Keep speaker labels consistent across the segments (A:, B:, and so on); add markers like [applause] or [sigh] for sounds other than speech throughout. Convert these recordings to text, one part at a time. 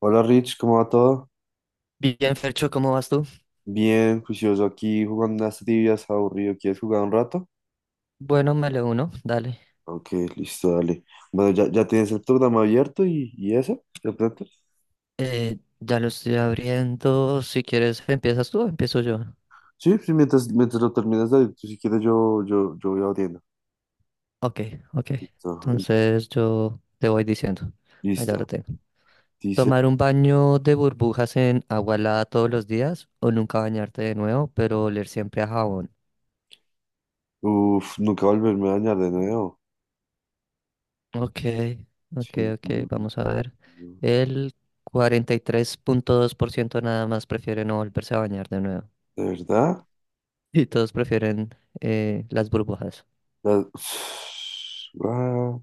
A: Hola Rich, ¿cómo va todo?
B: Bien, Fercho, ¿cómo vas tú?
A: Bien, juicioso aquí jugando unas trivias, aburrido. ¿Quieres jugar un rato?
B: Bueno, me le uno, dale.
A: Ok, listo, dale. Bueno, ya tienes el programa abierto y eso, de pronto.
B: Ya lo estoy abriendo. Si quieres, ¿empiezas tú o empiezo yo?
A: Sí, sí, mientras lo terminas de abrir, tú si quieres yo voy abriendo.
B: Ok, ok.
A: Listo,
B: Entonces yo te voy diciendo. Allá
A: listo.
B: lo tengo.
A: Dice,
B: ¿Tomar un baño de burbujas en agua helada todos los días o nunca bañarte de nuevo, pero oler siempre a jabón?
A: uff, nunca volverme a dañar de nuevo.
B: Ok, ok,
A: Sí,
B: ok.
A: no, no,
B: Vamos a ver.
A: no.
B: El 43.2% nada más prefiere no volverse a bañar de nuevo.
A: ¿De verdad?
B: Y todos prefieren las burbujas.
A: La- [sighs] Ah,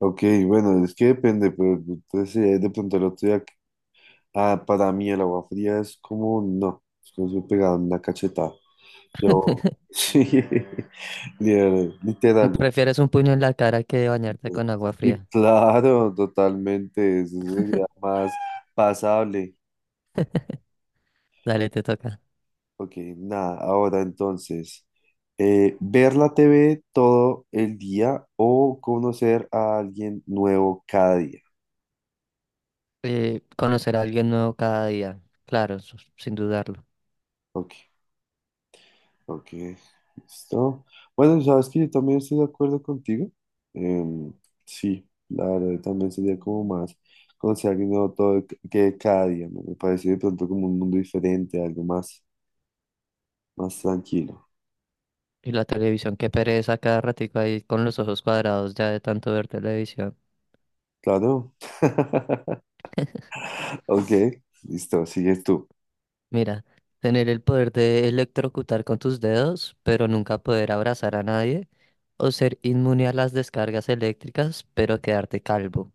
A: ok, bueno, es que depende, pero entonces de pronto el otro día. Ah, para mí el agua fría es como, no, es como si me pegaran una cachetada. Yo,
B: [laughs]
A: [laughs] sí, literal, literal.
B: Prefieres un puño en la cara que bañarte con agua
A: Y
B: fría.
A: claro, totalmente, eso sería más pasable.
B: Dale, te toca.
A: Ok, nada, ahora entonces, ver la TV todo el día o conocer a alguien nuevo cada día.
B: Conocer a alguien nuevo cada día. Claro, sin dudarlo.
A: Ok, ok, listo. Bueno, sabes que yo también estoy de acuerdo contigo. Em, sí, la verdad también sería como más conocer algo nuevo todo que cada día, ¿no? Me parece de pronto como un mundo diferente, algo más, más tranquilo.
B: Y la televisión, qué pereza cada ratico ahí con los ojos cuadrados ya de tanto ver televisión.
A: Claro. [laughs] Ok, listo, sigues tú.
B: Mira, tener el poder de electrocutar con tus dedos, pero nunca poder abrazar a nadie. O ser inmune a las descargas eléctricas, pero quedarte calvo.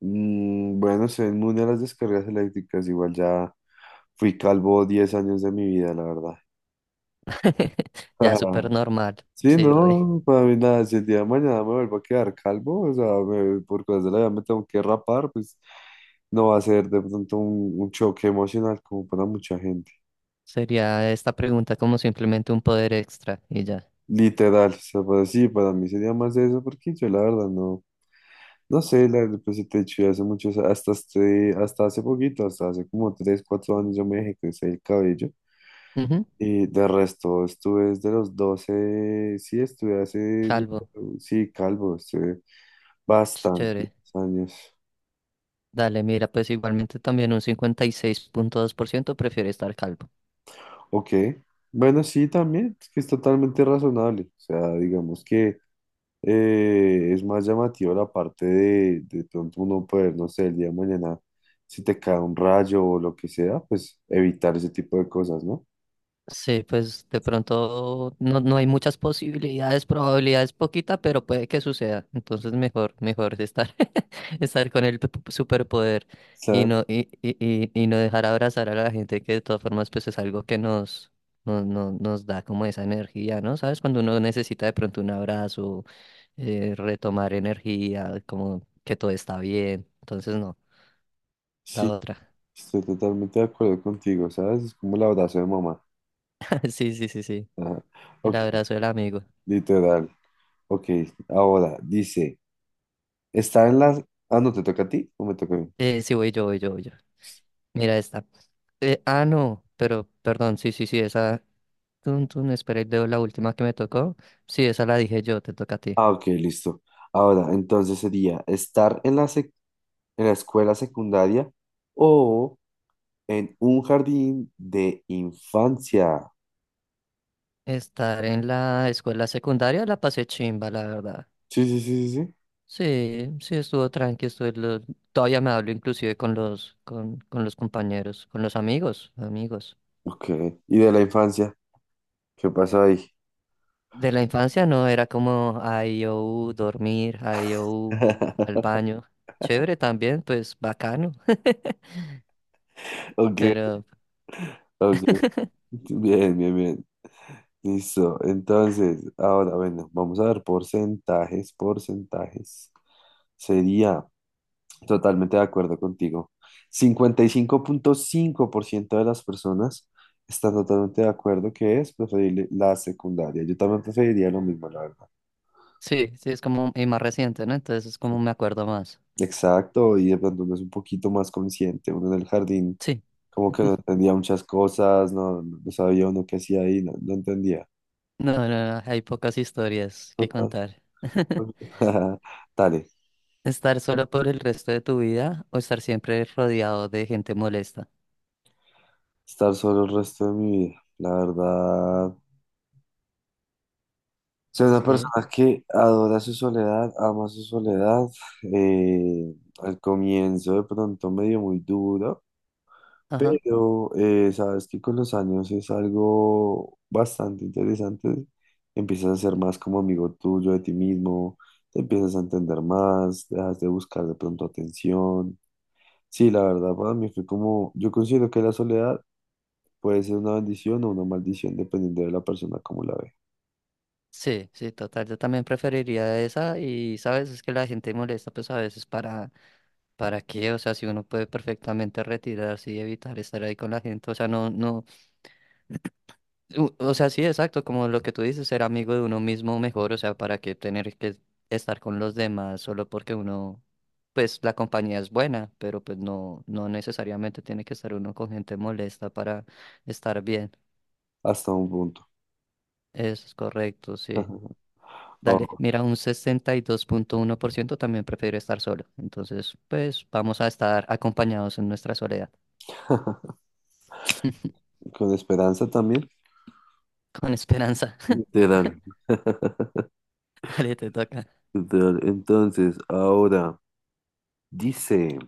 A: Mm, bueno, soy inmune a las descargas eléctricas, igual ya fui calvo 10 años de mi vida, la verdad.
B: [laughs] Ya súper
A: [laughs]
B: normal.
A: Sí, no,
B: Sí,
A: no, no,
B: re.
A: no, para mí nada, si el día de mañana me vuelvo a quedar calvo, o sea, por cosas de la vida me tengo que rapar, pues no va a ser de pronto un choque emocional como para mucha gente.
B: Sería esta pregunta como simplemente un poder extra y ya.
A: Literal, o sea, para mí sería más eso, porque yo la verdad no, no sé, la, pues si te he dicho, ya hace muchos, hasta, hasta hace poquito, hasta hace como 3 4 años yo me dejé crecer el cabello.
B: Ujú.
A: Y de resto, estuve desde los 12, sí,
B: Calvo,
A: sí, calvo, estuve bastantes
B: chévere.
A: años.
B: Dale, mira, pues igualmente también un 56.2% prefiere estar calvo.
A: Ok, bueno, sí, también, es que es totalmente razonable. O sea, digamos que es más llamativo la parte de pronto uno poder, no sé, el día de mañana, si te cae un rayo o lo que sea, pues evitar ese tipo de cosas, ¿no?
B: Sí, pues de pronto no, no hay muchas posibilidades, probabilidades poquita, pero puede que suceda. Entonces mejor estar, [laughs] estar con el superpoder
A: Claro,
B: y no dejar abrazar a la gente que de todas formas pues es algo que nos da como esa energía, ¿no? ¿Sabes? Cuando uno necesita de pronto un abrazo retomar energía, como que todo está bien. Entonces, no, la
A: sí,
B: otra.
A: estoy totalmente de acuerdo contigo, ¿sabes? Es como el abrazo de mamá.
B: [laughs] Sí, sí, sí, sí.
A: Ajá.
B: El
A: Ok,
B: abrazo del amigo.
A: literal. Ok, ahora dice, está en las... Ah, no, ¿te toca a ti o me toca a mí?
B: Sí, voy yo, voy yo, voy yo. Mira esta. Ah, no, pero perdón, sí, sí, sí, esa. Tun, tun, espera, y leo la última que me tocó. Sí, esa la dije yo, te toca a ti.
A: Ah, ok, listo. Ahora, entonces sería estar en la escuela secundaria o en un jardín de infancia.
B: Estar en la escuela secundaria la pasé chimba, la verdad.
A: Sí, sí, sí, sí, sí.
B: Sí, sí, estuvo tranqui, todavía me hablo inclusive con los compañeros, con los amigos, amigos.
A: Ok. ¿Y de la infancia? ¿Qué pasó ahí?
B: De la infancia no, era como IOU, dormir, IOU, al
A: [laughs]
B: baño. Chévere también, pues bacano,
A: Ok,
B: pero
A: ok. Bien, bien, bien. Listo. Entonces, ahora, bueno, vamos a ver porcentajes, porcentajes. Sería totalmente de acuerdo contigo. 55.5% de las personas están totalmente de acuerdo que es preferible la secundaria. Yo también preferiría lo mismo, la verdad.
B: sí, sí, es como y más reciente, ¿no? Entonces es como me acuerdo más.
A: Exacto, y de pronto uno es un poquito más consciente, uno en el jardín
B: Sí,
A: como que no entendía muchas cosas, no sabía uno qué hacía ahí, no, no entendía.
B: no, no, no, hay pocas historias que
A: Total.
B: contar. [laughs]
A: [laughs] Dale,
B: Estar solo por el resto de tu vida o estar siempre rodeado de gente molesta.
A: estar solo el resto de mi vida, la verdad. Soy una
B: Sí,
A: persona que adora su soledad, ama su soledad. eh, Al comienzo de pronto medio muy duro.
B: ajá.
A: Pero sabes que con los años es algo bastante interesante. Empiezas a ser más como amigo tuyo de ti mismo, te empiezas a entender más, dejas de buscar de pronto atención. Sí, la verdad para mí fue como, yo considero que la soledad puede ser una bendición o una maldición dependiendo de la persona como la ve,
B: Sí, sí, total. Yo también preferiría esa y, ¿sabes? Es que la gente molesta, pues a veces ¿Para qué? O sea, si uno puede perfectamente retirarse y evitar estar ahí con la gente, o sea, no, no, o sea, sí, exacto, como lo que tú dices, ser amigo de uno mismo mejor, o sea, ¿para qué tener que estar con los demás solo porque uno, pues la compañía es buena, pero pues no, no necesariamente tiene que estar uno con gente molesta para estar bien.
A: hasta un punto.
B: Eso es correcto, sí.
A: [laughs] Oh,
B: Dale, mira, un 62.1% también prefiere estar solo, entonces, pues vamos a estar acompañados en nuestra soledad.
A: [laughs]
B: [laughs]
A: con esperanza también.
B: Con esperanza.
A: Literal,
B: Dale, te toca
A: literal. Entonces, ahora dice.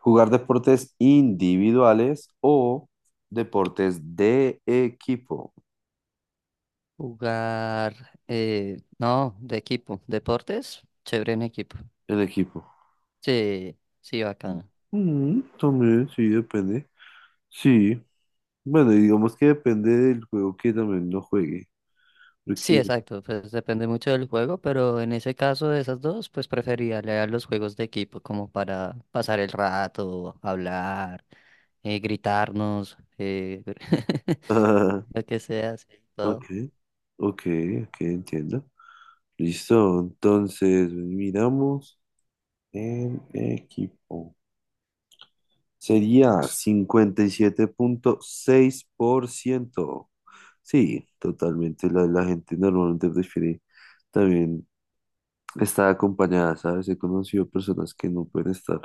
A: Jugar deportes individuales o deportes de equipo.
B: jugar. No, de equipo. Deportes, chévere en equipo.
A: El equipo.
B: Sí, sí, bacano.
A: Mm, también, sí, depende. Sí. Bueno, y digamos que depende del juego que también lo juegue.
B: Sí,
A: Porque... [laughs]
B: exacto. Pues depende mucho del juego, pero en ese caso de esas dos, pues preferiría leer los juegos de equipo, como para pasar el rato, hablar, gritarnos, [laughs]
A: Ah,
B: lo que sea, sí, todo.
A: ok, ok, ok, entiendo. Listo, entonces miramos el equipo. Sería 57.6%. Sí, totalmente. La gente normalmente prefiere también estar acompañada, ¿sabes? He conocido personas que no pueden estar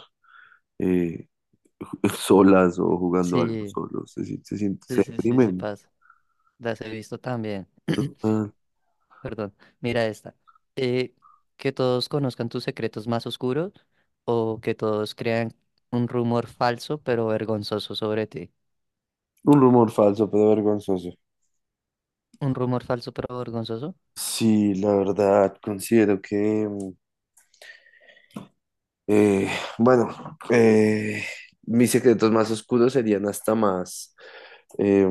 A: eh, [laughs] solas o jugando algo
B: Sí,
A: solos. Se, sien- se, sien-
B: sí,
A: se
B: sí, sí, sí
A: deprimen.
B: pasa. Las he visto también. [clears throat]
A: Total.
B: Perdón, mira esta. Eh, que todos conozcan tus secretos más oscuros o que todos crean un rumor falso pero vergonzoso sobre ti.
A: Un rumor falso, pero vergonzoso.
B: Un rumor falso pero vergonzoso.
A: Sí, la verdad, considero que, eh, bueno, eh, mis secretos más oscuros serían hasta más eh,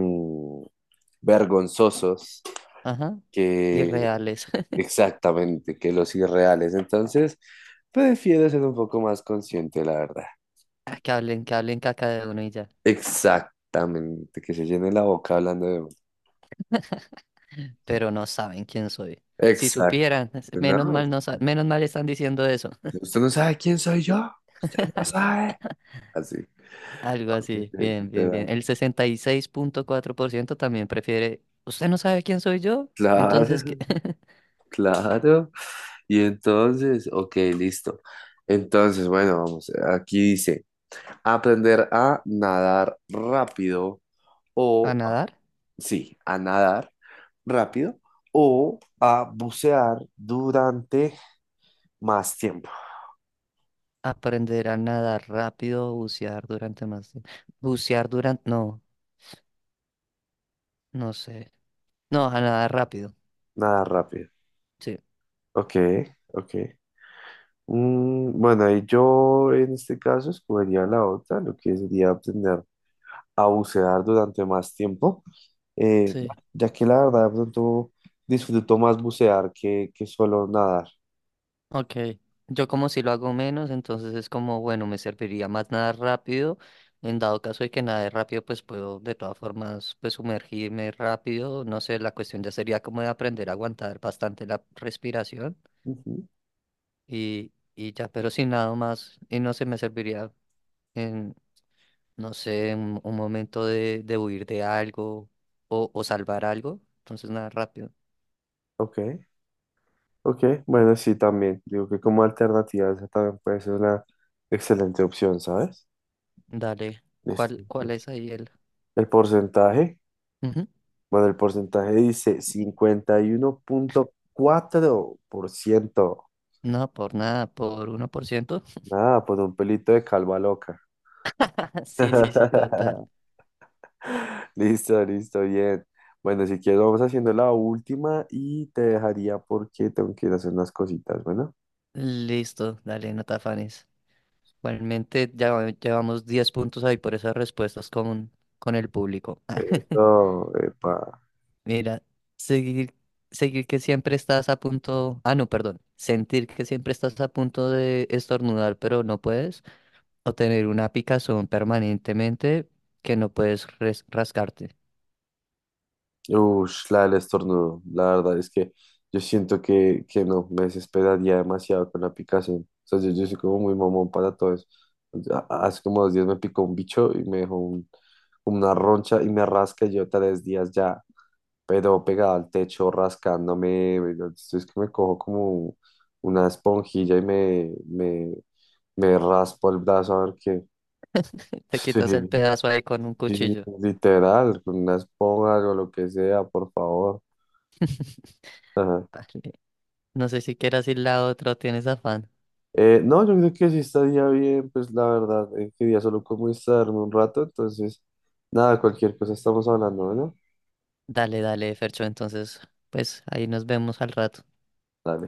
A: vergonzosos
B: Ajá.
A: que
B: Irreales. [laughs]
A: exactamente que los irreales. Entonces, prefiero ser un poco más consciente, la verdad.
B: Ah, que hablen, que hablen caca de uno y ya.
A: Exactamente, que se llene la boca hablando de uno.
B: Pero no saben quién soy. Si
A: Exacto,
B: supieran, [laughs] menos
A: ¿no?
B: mal no sa- menos mal están diciendo eso. [laughs]
A: Usted no sabe quién soy yo, usted no sabe. Así,
B: Algo así. Bien, bien, bien.
A: literal.
B: El 66.4% también prefiere. ¿Usted no sabe quién soy yo?
A: Claro,
B: Entonces, ¿qué?
A: [laughs]
B: [laughs]
A: claro. Y entonces, ok, listo. Entonces, bueno, vamos, aquí dice, aprender a nadar rápido
B: ¿A
A: o
B: nadar?
A: sí, a nadar rápido o a bucear durante más tiempo.
B: Aprender a nadar rápido, bucear durante más tiempo. Bucear durante. No, no sé. No, a nadar rápido.
A: Nadar rápido.
B: Sí,
A: Ok, ok. Mm, bueno, ahí yo en este caso escogería la otra, lo que sería aprender a bucear durante más tiempo, eh,
B: sí,
A: ya que la verdad de pronto disfruto más bucear que solo nadar.
B: ok. Yo como si lo hago menos, entonces es como, bueno, me serviría más nadar rápido. En dado caso de que nade rápido, pues puedo de todas formas pues sumergirme rápido. No sé, la cuestión ya sería como de aprender a aguantar bastante la respiración
A: Ujú,
B: y ya, pero si nado más y no se me serviría no sé, un momento de huir de algo o salvar algo. Entonces, nada, rápido.
A: ok, ok, bueno, sí, también. Digo que como alternativa esa también puede ser una excelente opción, ¿sabes?
B: Dale,
A: Listo.
B: ¿cuál es ahí el?
A: El porcentaje,
B: Ujú.
A: bueno, el porcentaje dice 51.4%.
B: No, por nada, por 1%.
A: Nada, pues un pelito de calva loca.
B: [laughs] Sí, sí, sí, total.
A: [laughs] Listo, listo, bien. Bueno, si quieres, vamos haciendo la última y te dejaría porque tengo que ir a hacer unas cositas. Bueno,
B: Listo, dale, no te afanes. Igualmente, ya llevamos 10 puntos ahí por esas respuestas con, el público. [laughs]
A: eso, epa.
B: Mira, seguir, seguir que siempre estás a punto. Ah, no, perdón. Sentir que siempre estás a punto de estornudar, pero no puedes. O tener una picazón permanentemente que no puedes rascarte.
A: Ush, la del estornudo. La verdad es que yo siento que no, me desesperaría demasiado con la picazón. O sea, yo soy como muy mamón para todo eso. Hace como 2 días me picó un bicho y me dejó como una roncha y me rasca y yo 3 días ya, pero pegado al techo, rascándome. Entonces es que me cojo como una esponjilla y me raspo el brazo a ver qué.
B: Te quitas el
A: [laughs]
B: pedazo ahí con un
A: Sí, sí,
B: cuchillo.
A: literal, con una esponja o lo que sea, por favor. Ajá.
B: Dale. No sé si quieras ir la otra o tienes afán.
A: No, yo creo que sí estaría bien, pues la verdad, quería solo como instalarme un rato, entonces, nada, cualquier cosa estamos hablando, ¿no?
B: Dale, dale, Fercho. Entonces, pues ahí nos vemos al rato.
A: Dale.